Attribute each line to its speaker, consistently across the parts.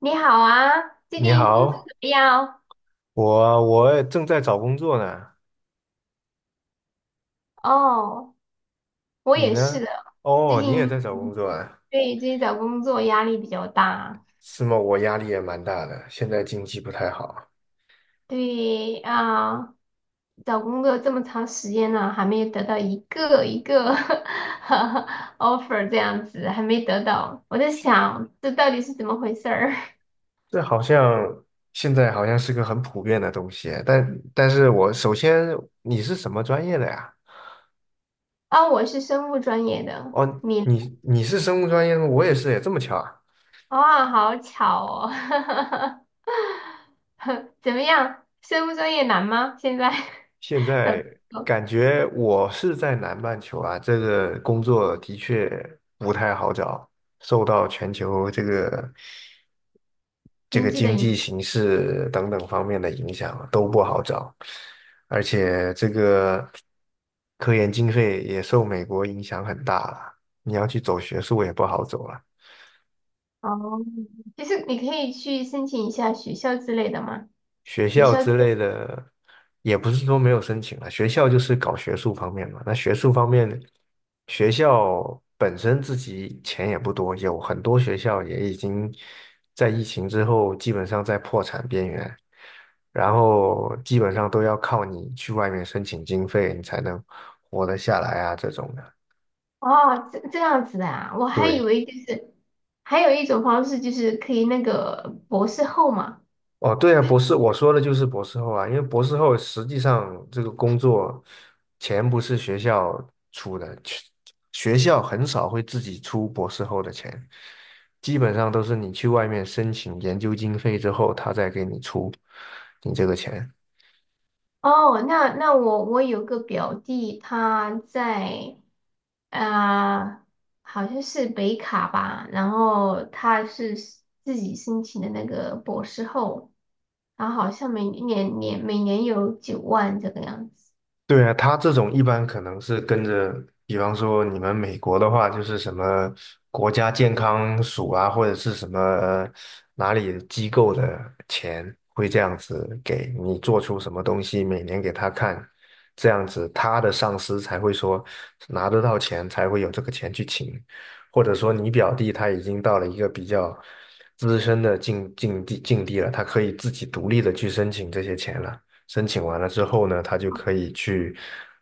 Speaker 1: 你好啊，最
Speaker 2: 你
Speaker 1: 近工作
Speaker 2: 好，
Speaker 1: 怎么样？
Speaker 2: 我正在找工作呢，
Speaker 1: 哦，我
Speaker 2: 你
Speaker 1: 也是
Speaker 2: 呢？
Speaker 1: 的。最
Speaker 2: 哦，你也在
Speaker 1: 近
Speaker 2: 找工作啊？
Speaker 1: 对，最近找工作压力比较大。
Speaker 2: 是吗？我压力也蛮大的，现在经济不太好。
Speaker 1: 对啊，找工作这么长时间了，还没有得到一个 offer 这样子，还没得到，我在想这到底是怎么回事儿。
Speaker 2: 这好像现在好像是个很普遍的东西啊，但是我首先你是什么专业的呀？
Speaker 1: 啊？我是生物专业的，
Speaker 2: 哦，
Speaker 1: 你呢？
Speaker 2: 你是生物专业的吗？我也是，也这么巧啊。
Speaker 1: 啊，好巧哦。怎么样？生物专业难吗？现在
Speaker 2: 现
Speaker 1: 找工
Speaker 2: 在
Speaker 1: 作？
Speaker 2: 感觉我是在南半球啊，这个工作的确不太好找，受到全球这个。这
Speaker 1: 经
Speaker 2: 个
Speaker 1: 济的
Speaker 2: 经
Speaker 1: 影
Speaker 2: 济
Speaker 1: 响。
Speaker 2: 形势等等方面的影响啊都不好找，而且这个科研经费也受美国影响很大了，你要去走学术也不好走了。
Speaker 1: 哦，其实你可以去申请一下学校之类的嘛，
Speaker 2: 学
Speaker 1: 学
Speaker 2: 校
Speaker 1: 校之
Speaker 2: 之
Speaker 1: 类。
Speaker 2: 类的，也不是说没有申请了，学校就是搞学术方面嘛。那学术方面，学校本身自己钱也不多，有很多学校也已经在疫情之后基本上在破产边缘，然后基本上都要靠你去外面申请经费，你才能活得下来啊，这种的。
Speaker 1: 哦，这样子的啊，我还以
Speaker 2: 对。
Speaker 1: 为就是还有一种方式就是可以那个博士后嘛。
Speaker 2: 哦，对啊，博士，我说的就是博士后啊，因为博士后实际上这个工作钱不是学校出的，去学校很少会自己出博士后的钱，基本上都是你去外面申请研究经费之后，他再给你出你这个钱。
Speaker 1: 哦，那我有个表弟他在啊、呃好像是北卡吧，然后他是自己申请的那个博士后，然后好像每年有9万这个样子。
Speaker 2: 对啊，他这种一般可能是跟着，比方说你们美国的话，就是什么国家健康署啊，或者是什么哪里机构的钱，会这样子给你做出什么东西，每年给他看，这样子他的上司才会说拿得到钱，才会有这个钱去请，或者说你表弟他已经到了一个比较资深的境地了，他可以自己独立的去申请这些钱了。申请完了之后呢，他就可以去，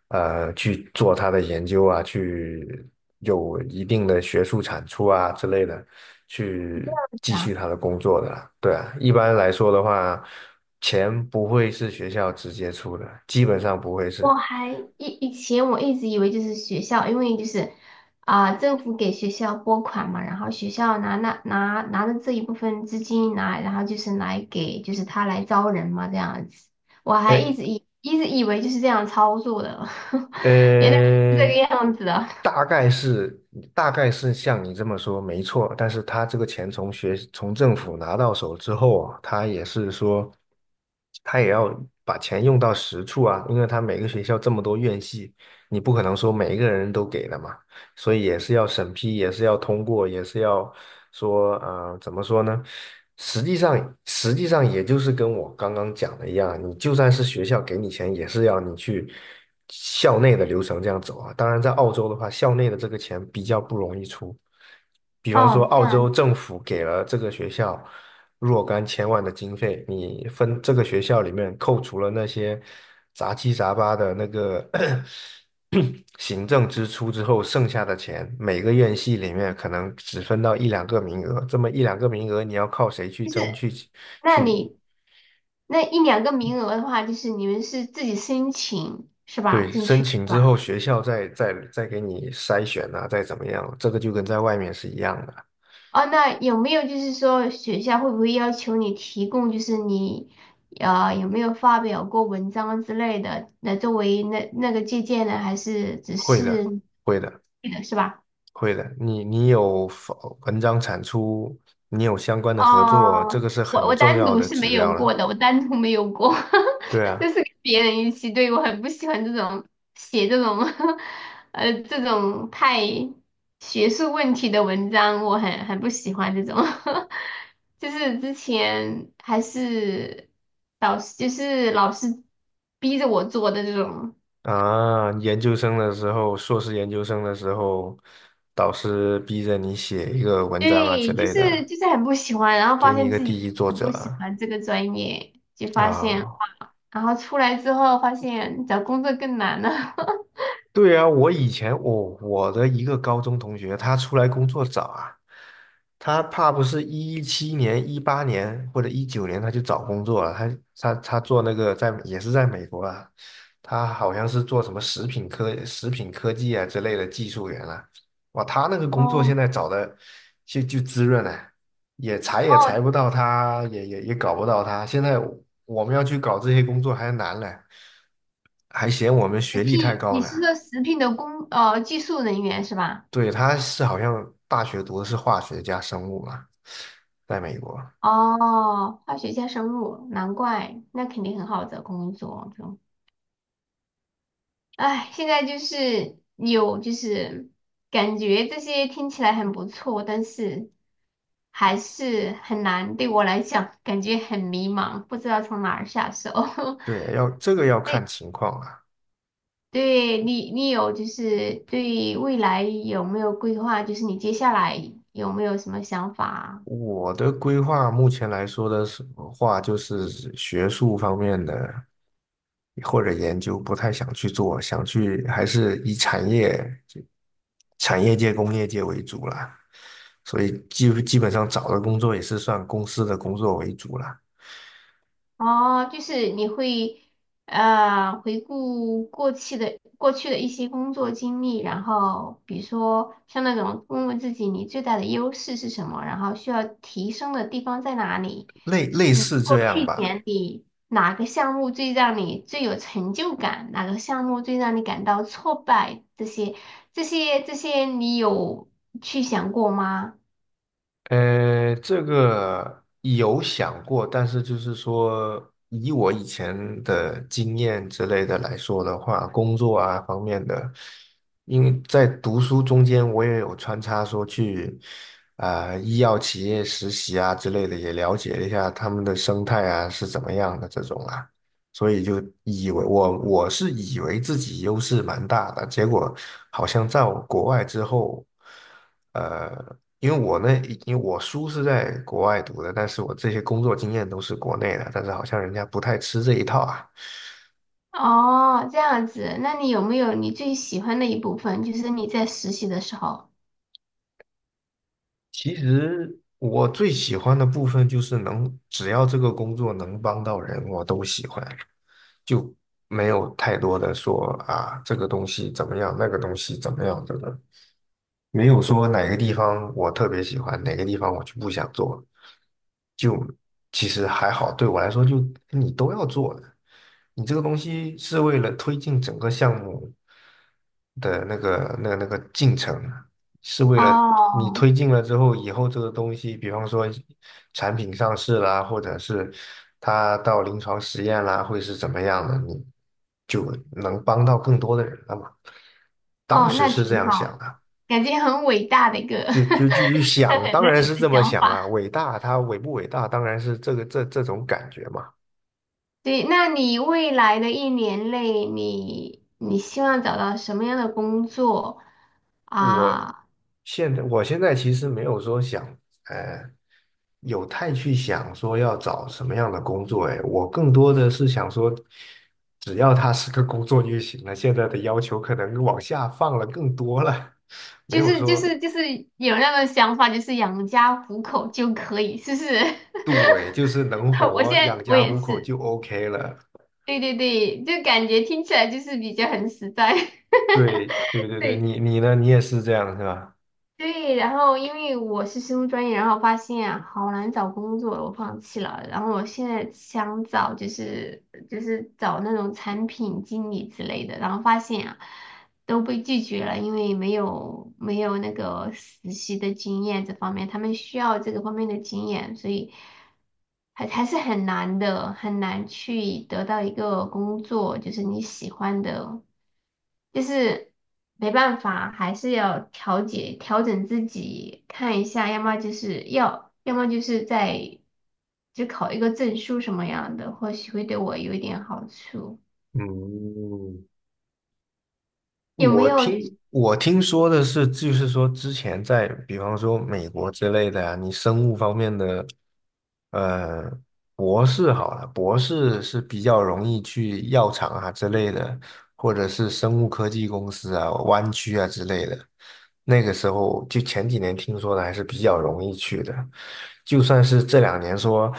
Speaker 2: 去做他的研究啊，去有一定的学术产出啊之类的，
Speaker 1: 这
Speaker 2: 去
Speaker 1: 样子
Speaker 2: 继续他
Speaker 1: 啊。
Speaker 2: 的工作的啦。对啊，一般来说的话，钱不会是学校直接出的，基本上不会是。
Speaker 1: 我还以前我一直以为就是学校，因为就是政府给学校拨款嘛，然后学校拿那拿拿着这一部分资金，然后就是来给就是他来招人嘛这样子，我还一
Speaker 2: 哎
Speaker 1: 直以一直以为就是这样操作的。原来是这
Speaker 2: 呃，
Speaker 1: 个样子的。
Speaker 2: 大概是大概是像你这么说没错，但是他这个钱从政府拿到手之后啊，他也是说，他也要把钱用到实处啊，因为他每个学校这么多院系，你不可能说每一个人都给的嘛。所以也是要审批，也是要通过，也是要说，啊，怎么说呢？实际上，实际上也就是跟我刚刚讲的一样，你就算是学校给你钱，也是要你去校内的流程这样走啊。当然，在澳洲的话，校内的这个钱比较不容易出。比方说，
Speaker 1: 哦，这
Speaker 2: 澳洲
Speaker 1: 样
Speaker 2: 政府给了这个学校若干千万的经费，你分这个学校里面扣除了那些杂七杂八的那个 行政支出之后，剩下的钱每个院系里面可能只分到一两个名额，这么一两个名额你要靠谁去
Speaker 1: 就
Speaker 2: 争
Speaker 1: 是
Speaker 2: 去
Speaker 1: 那
Speaker 2: 去
Speaker 1: 你那一两个名额的话，就是你们是自己申请是吧？
Speaker 2: 对
Speaker 1: 进
Speaker 2: 申
Speaker 1: 去。
Speaker 2: 请
Speaker 1: 是
Speaker 2: 之
Speaker 1: 吧？
Speaker 2: 后，学校再给你筛选啊，再怎么样，这个就跟在外面是一样的，
Speaker 1: 哦，那有没有就是说学校会不会要求你提供，就是你有没有发表过文章之类的，来作为那个借鉴呢？还是只
Speaker 2: 会的，
Speaker 1: 是
Speaker 2: 会的。
Speaker 1: 是的是吧？
Speaker 2: 会的，你有发文章产出，你有相关的合作，这
Speaker 1: 哦，
Speaker 2: 个是
Speaker 1: 我
Speaker 2: 很
Speaker 1: 我
Speaker 2: 重
Speaker 1: 单
Speaker 2: 要
Speaker 1: 独
Speaker 2: 的
Speaker 1: 是
Speaker 2: 指
Speaker 1: 没有
Speaker 2: 标
Speaker 1: 过
Speaker 2: 了。
Speaker 1: 的，我单独没有过。
Speaker 2: 对
Speaker 1: 就
Speaker 2: 啊，
Speaker 1: 是跟别人一起。对，我很不喜欢这种写这种 这种太学术问题的文章，我很不喜欢这种。就是之前还是导师，就是老师逼着我做的这种。
Speaker 2: 啊，研究生的时候，硕士研究生的时候，导师逼着你写一个文章啊之
Speaker 1: 对，就
Speaker 2: 类
Speaker 1: 是
Speaker 2: 的，
Speaker 1: 就是很不喜欢，然后
Speaker 2: 给
Speaker 1: 发
Speaker 2: 你一
Speaker 1: 现
Speaker 2: 个
Speaker 1: 自己
Speaker 2: 第
Speaker 1: 真的
Speaker 2: 一作
Speaker 1: 很不喜
Speaker 2: 者
Speaker 1: 欢这个专业，就
Speaker 2: 啊
Speaker 1: 发现。
Speaker 2: 啊
Speaker 1: 然后出来之后发现找工作更难了。
Speaker 2: 对啊，我以前我的一个高中同学，他出来工作早啊，他怕不是17年、18年或者19年他就找工作了，他他做那个在也是在美国啊，他好像是做什么食品科技啊之类的技术员啊。哇，他那个工作现
Speaker 1: 哦。
Speaker 2: 在找的就滋润啊，也裁
Speaker 1: 哦，
Speaker 2: 不到他，也搞不到他，现在我们要去搞这些工作还难了，还嫌我们
Speaker 1: 食
Speaker 2: 学历太
Speaker 1: 品，
Speaker 2: 高
Speaker 1: 你
Speaker 2: 呢。
Speaker 1: 是说食品的技术人员是吧？
Speaker 2: 对，他是好像大学读的是化学加生物嘛，在美国。
Speaker 1: 哦，化学加生物，难怪，那肯定很好找工作。就，唉，现在就是有就是感觉这些听起来很不错，但是还是很难，对我来讲感觉很迷茫，不知道从哪儿下手。
Speaker 2: 对，要这个要
Speaker 1: 对，
Speaker 2: 看情况啊。
Speaker 1: 对你，有就是对未来有没有规划？就是你接下来有没有什么想法啊？
Speaker 2: 我的规划目前来说的是话，就是学术方面的或者研究不太想去做，想去还是以产业界、工业界为主啦。所以基本上找的工作也是算公司的工作为主啦，
Speaker 1: 哦，就是你会回顾过去的一些工作经历，然后比如说像那种问问自己你最大的优势是什么，然后需要提升的地方在哪里？
Speaker 2: 类类
Speaker 1: 你
Speaker 2: 似
Speaker 1: 过
Speaker 2: 这
Speaker 1: 去
Speaker 2: 样
Speaker 1: 一
Speaker 2: 吧。
Speaker 1: 年哪个项目最让你最有成就感？哪个项目最让你感到挫败？这些，你有去想过吗？
Speaker 2: 这个有想过，但是就是说，以我以前的经验之类的来说的话，工作啊方面的，因为在读书中间，我也有穿插说去医药企业实习啊之类的，也了解了一下他们的生态啊是怎么样的这种啊。所以就以为我是以为自己优势蛮大的，结果好像在国外之后，呃，因为我那因为我书是在国外读的，但是我这些工作经验都是国内的，但是好像人家不太吃这一套啊。
Speaker 1: 哦，这样子，那你有没有你最喜欢的一部分？就是你在实习的时候。
Speaker 2: 其实我最喜欢的部分就是能，只要这个工作能帮到人，我都喜欢，就没有太多的说啊这个东西怎么样，那个东西怎么样这个。没有说哪个地方我特别喜欢，哪个地方我就不想做，就其实还好，对我来说就你都要做的，你这个东西是为了推进整个项目的那个进程，是为了你
Speaker 1: 哦。
Speaker 2: 推进了之后，以后这个东西，比方说产品上市啦，或者是它到临床实验啦，会是怎么样的，你就能帮到更多的人了嘛。当
Speaker 1: 哦，
Speaker 2: 时
Speaker 1: 那
Speaker 2: 是这
Speaker 1: 挺
Speaker 2: 样
Speaker 1: 好的，
Speaker 2: 想的。
Speaker 1: 感觉很伟大的一个。
Speaker 2: 就想，
Speaker 1: 很
Speaker 2: 当
Speaker 1: 那
Speaker 2: 然
Speaker 1: 你
Speaker 2: 是这
Speaker 1: 的
Speaker 2: 么
Speaker 1: 想
Speaker 2: 想
Speaker 1: 法。
Speaker 2: 啦。伟大，它伟不伟大，当然是这个这这种感觉嘛。
Speaker 1: 对，那你未来的一年内，你希望找到什么样的工作
Speaker 2: 我
Speaker 1: 啊？
Speaker 2: 我现在其实没有说想，呃，有太去想说要找什么样的工作。哎，我更多的是想说，只要他是个工作就行了。现在的要求可能往下放了更多了，没
Speaker 1: 就
Speaker 2: 有
Speaker 1: 是就
Speaker 2: 说
Speaker 1: 是就是有那个想法，就是养家糊口就可以，是不是？
Speaker 2: 对，就是能
Speaker 1: 我现
Speaker 2: 活养
Speaker 1: 在我
Speaker 2: 家
Speaker 1: 也
Speaker 2: 糊口
Speaker 1: 是，
Speaker 2: 就 OK 了。
Speaker 1: 对对对，就感觉听起来就是比较很实在。
Speaker 2: 对对对对，
Speaker 1: 对
Speaker 2: 你呢？你也是这样是吧？
Speaker 1: 对。然后因为我是生物专业，然后发现啊好难找工作，我放弃了。然后我现在想找就是找那种产品经理之类的，然后发现啊。都被拒绝了，因为没有那个实习的经验这方面，他们需要这个方面的经验，所以还是很难的，很难去得到一个工作，就是你喜欢的，就是没办法，还是要调整自己，看一下，要么就是要，要么就是在就考一个证书什么样的，或许会对我有一点好处。
Speaker 2: 嗯，
Speaker 1: 有没
Speaker 2: 我
Speaker 1: 有就是
Speaker 2: 听我听说的是，就是说之前在比方说美国之类的呀、你生物方面的，呃，博士好了，博士是比较容易去药厂啊之类的，或者是生物科技公司啊、湾区啊之类的。那个时候就前几年听说的还是比较容易去的，就算是这两年说。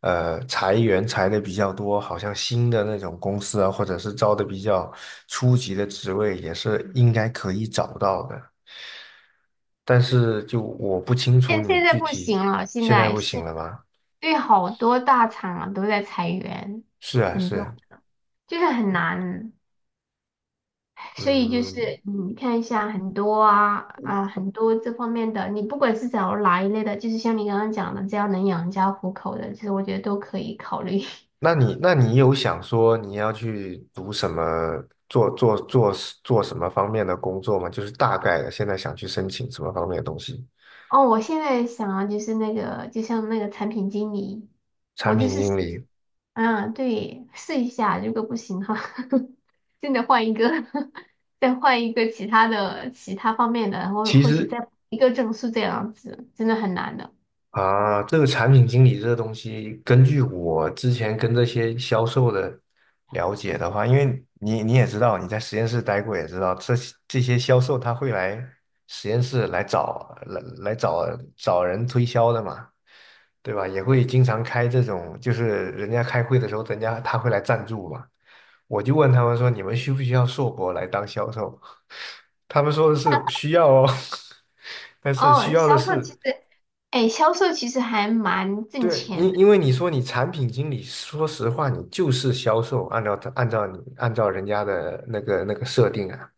Speaker 2: 裁员裁的比较多，好像新的那种公司啊，或者是招的比较初级的职位，也是应该可以找到的。但是就我不清楚
Speaker 1: 现
Speaker 2: 你
Speaker 1: 现在
Speaker 2: 具
Speaker 1: 不行
Speaker 2: 体
Speaker 1: 了？现
Speaker 2: 现在
Speaker 1: 在
Speaker 2: 不行了吗？
Speaker 1: 对，好多大厂啊都在裁员，
Speaker 2: 是啊，
Speaker 1: 很
Speaker 2: 是
Speaker 1: 多
Speaker 2: 啊。
Speaker 1: 就是很难，所以就
Speaker 2: 嗯，
Speaker 1: 是你看一下很多这方面的，你不管是找哪一类的，就是像你刚刚讲的，只要能养家糊口的，其实我觉得都可以考虑。
Speaker 2: 那你有想说你要去读什么，做做做做什么方面的工作吗？就是大概的，现在想去申请什么方面的东西？
Speaker 1: 哦，我现在想啊，就是那个就像那个产品经理，我
Speaker 2: 产
Speaker 1: 就
Speaker 2: 品
Speaker 1: 是。
Speaker 2: 经理。
Speaker 1: 嗯，对，试一下，如果不行的话。真的换一个。再换一个其他方面的，然后
Speaker 2: 其
Speaker 1: 或许
Speaker 2: 实
Speaker 1: 再一个证书这样子，真的很难的。
Speaker 2: 啊，这个产品经理这个东西，根据我之前跟这些销售的了解的话，因为你你也知道，你在实验室待过也知道，这些这些销售他会来实验室来找找人推销的嘛，对吧？也会经常开这种，就是人家开会的时候，人家他会来赞助嘛。我就问他们说，你们需不需要硕博来当销售？他们说的是需要哦，但是需
Speaker 1: 哦，
Speaker 2: 要的
Speaker 1: 销售其
Speaker 2: 是。
Speaker 1: 实，哎，销售其实还蛮挣
Speaker 2: 对，
Speaker 1: 钱
Speaker 2: 因
Speaker 1: 的。
Speaker 2: 因为你说你产品经理，说实话，你就是销售，按照他按照你按照人家的那个那个设定啊，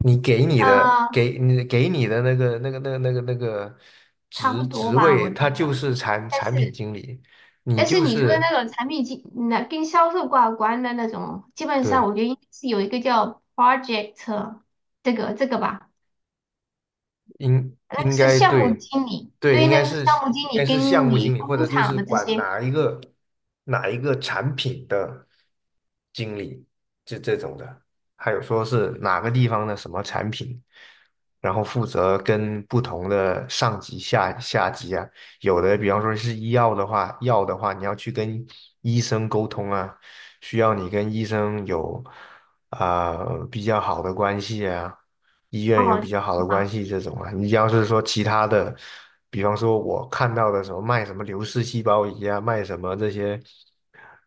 Speaker 2: 你给你的
Speaker 1: 呃，
Speaker 2: 给你给你的那个
Speaker 1: 差
Speaker 2: 职
Speaker 1: 不多
Speaker 2: 职
Speaker 1: 吧，
Speaker 2: 位，
Speaker 1: 我觉
Speaker 2: 他就
Speaker 1: 得。
Speaker 2: 是产
Speaker 1: 但
Speaker 2: 产品
Speaker 1: 是，
Speaker 2: 经理，你
Speaker 1: 但是
Speaker 2: 就
Speaker 1: 你说的
Speaker 2: 是
Speaker 1: 那种产品经，那跟销售挂关的那种，基本上
Speaker 2: 对，
Speaker 1: 我觉得应该是有一个叫 project 这个吧。
Speaker 2: 应
Speaker 1: 那个
Speaker 2: 应
Speaker 1: 是
Speaker 2: 该
Speaker 1: 项目
Speaker 2: 对，
Speaker 1: 经理，
Speaker 2: 对，
Speaker 1: 对，
Speaker 2: 应
Speaker 1: 那
Speaker 2: 该
Speaker 1: 个是
Speaker 2: 是
Speaker 1: 项目经
Speaker 2: 应
Speaker 1: 理
Speaker 2: 该是项
Speaker 1: 跟
Speaker 2: 目
Speaker 1: 你
Speaker 2: 经理，或者
Speaker 1: 工
Speaker 2: 就
Speaker 1: 厂
Speaker 2: 是
Speaker 1: 的这
Speaker 2: 管
Speaker 1: 些。
Speaker 2: 哪一个产品的经理，这这种的，还有说是哪个地方的什么产品，然后负责跟不同的上级下级啊，有的比方说是医药的话，药的话你要去跟医生沟通啊，需要你跟医生有比较好的关系啊。医
Speaker 1: 哦，
Speaker 2: 院有比较好的关
Speaker 1: 好，
Speaker 2: 系这种啊。你要是说其他的，比方说我看到的什么卖什么流式细胞仪啊，卖什么这些，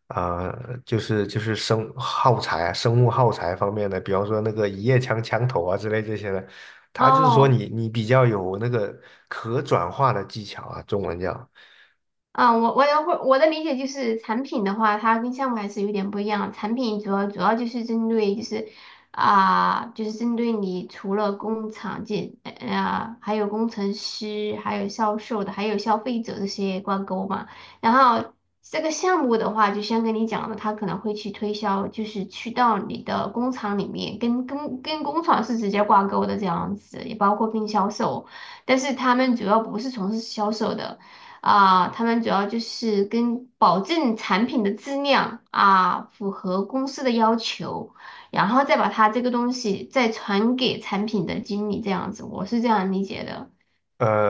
Speaker 2: 啊、就是生耗材啊，生物耗材方面的，比方说那个一夜枪枪头啊之类这些的，他就是说
Speaker 1: 哦，
Speaker 2: 你你比较有那个可转化的技巧啊，中文叫。
Speaker 1: 啊，我的理解就是产品的话，它跟项目还是有点不一样。产品主要就是针对就是啊、就是针对你除了工厂还有工程师，还有销售的，还有消费者这些挂钩嘛。然后这个项目的话，就先跟你讲了，他可能会去推销，就是去到你的工厂里面，跟工厂是直接挂钩的这样子，也包括跟销售，但是他们主要不是从事销售的。啊，他们主要就是跟保证产品的质量啊，符合公司的要求，然后再把它这个东西再传给产品的经理，这样子，我是这样理解的。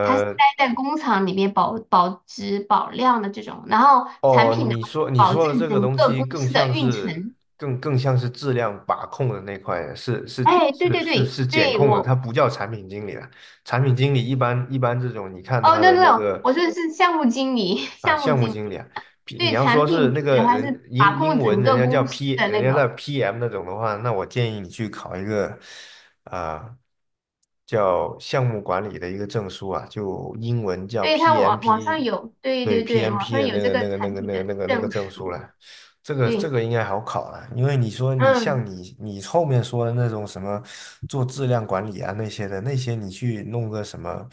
Speaker 1: 他是待在工厂里面保质保量的这种，然后产
Speaker 2: 哦，
Speaker 1: 品的话
Speaker 2: 你
Speaker 1: 是
Speaker 2: 说你
Speaker 1: 保
Speaker 2: 说的
Speaker 1: 证
Speaker 2: 这个
Speaker 1: 整
Speaker 2: 东
Speaker 1: 个
Speaker 2: 西
Speaker 1: 公
Speaker 2: 更
Speaker 1: 司
Speaker 2: 像
Speaker 1: 的运
Speaker 2: 是
Speaker 1: 程。
Speaker 2: 更像是质量把控的那块，是是
Speaker 1: 哎，对
Speaker 2: 是
Speaker 1: 对
Speaker 2: 是
Speaker 1: 对
Speaker 2: 是检
Speaker 1: 对，
Speaker 2: 控的，它
Speaker 1: 我
Speaker 2: 不叫产品经理了。产品经理一般这种，你看
Speaker 1: 哦
Speaker 2: 他
Speaker 1: ，no
Speaker 2: 的
Speaker 1: no
Speaker 2: 那
Speaker 1: no，
Speaker 2: 个
Speaker 1: 我说的是项目经理。
Speaker 2: 啊、
Speaker 1: 项目
Speaker 2: 项目
Speaker 1: 经
Speaker 2: 经理
Speaker 1: 理
Speaker 2: 啊，P，你
Speaker 1: 对
Speaker 2: 要说
Speaker 1: 产
Speaker 2: 是
Speaker 1: 品
Speaker 2: 那
Speaker 1: 经理的
Speaker 2: 个
Speaker 1: 话是
Speaker 2: 人英
Speaker 1: 把
Speaker 2: 英
Speaker 1: 控
Speaker 2: 文
Speaker 1: 整
Speaker 2: 人
Speaker 1: 个
Speaker 2: 家叫
Speaker 1: 公司
Speaker 2: P，
Speaker 1: 的
Speaker 2: 人
Speaker 1: 那
Speaker 2: 家叫
Speaker 1: 个。
Speaker 2: PM 那种的话，那我建议你去考一个啊、叫项目管理的一个证书啊，就英文叫
Speaker 1: 对，它网上
Speaker 2: PMP，
Speaker 1: 有，对
Speaker 2: 对
Speaker 1: 对对，网
Speaker 2: PMP
Speaker 1: 上
Speaker 2: 的
Speaker 1: 有
Speaker 2: 那
Speaker 1: 这
Speaker 2: 个那
Speaker 1: 个
Speaker 2: 个那
Speaker 1: 产
Speaker 2: 个
Speaker 1: 品
Speaker 2: 那个
Speaker 1: 的
Speaker 2: 那个那个
Speaker 1: 证
Speaker 2: 证书
Speaker 1: 书，
Speaker 2: 了。这个这
Speaker 1: 对，
Speaker 2: 个应该好考了，因为你说你像
Speaker 1: 嗯，
Speaker 2: 你你后面说的那种什么做质量管理啊那些的，那些你去弄个什么。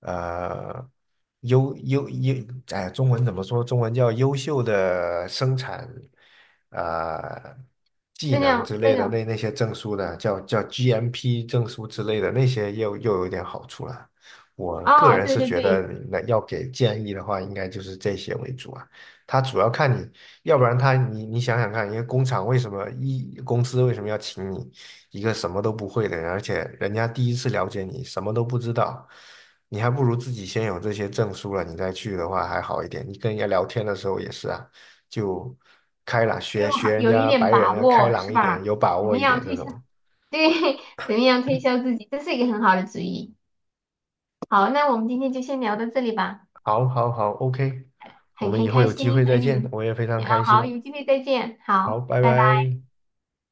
Speaker 2: 呃优优优，哎，中文怎么说？中文叫优秀的生产呃技
Speaker 1: 这
Speaker 2: 能
Speaker 1: 样
Speaker 2: 之
Speaker 1: 那
Speaker 2: 类的
Speaker 1: 个，
Speaker 2: 那些证书的，叫 GMP 证书之类的那些又有点好处了。我个
Speaker 1: 哦，
Speaker 2: 人
Speaker 1: 对
Speaker 2: 是
Speaker 1: 对
Speaker 2: 觉得，
Speaker 1: 对，
Speaker 2: 那要给建议的话，应该就是这些为主啊。他主要看你，要不然他你你想想看，一个工厂为什么一公司为什么要请你一个什么都不会的人，而且人家第一次了解你，什么都不知道。你还不如自己先有这些证书了，你再去的话还好一点。你跟人家聊天的时候也是啊，就开朗，学
Speaker 1: 就
Speaker 2: 学
Speaker 1: 好
Speaker 2: 人
Speaker 1: 有一
Speaker 2: 家白
Speaker 1: 点把
Speaker 2: 人啊，开
Speaker 1: 握
Speaker 2: 朗
Speaker 1: 是
Speaker 2: 一点，
Speaker 1: 吧？
Speaker 2: 有把
Speaker 1: 怎
Speaker 2: 握
Speaker 1: 么
Speaker 2: 一
Speaker 1: 样
Speaker 2: 点这
Speaker 1: 推
Speaker 2: 种。
Speaker 1: 销？对。怎么样推销自己？这是一个很好的主意。好，那我们今天就先聊到这里吧，
Speaker 2: 好，好，好，OK，我
Speaker 1: 很
Speaker 2: 们
Speaker 1: 很
Speaker 2: 以后
Speaker 1: 开
Speaker 2: 有机会
Speaker 1: 心和
Speaker 2: 再见，
Speaker 1: 你，
Speaker 2: 我也非常
Speaker 1: 啊，
Speaker 2: 开
Speaker 1: 好，
Speaker 2: 心。
Speaker 1: 有机会再见，
Speaker 2: 好，
Speaker 1: 好，
Speaker 2: 拜
Speaker 1: 拜拜。
Speaker 2: 拜。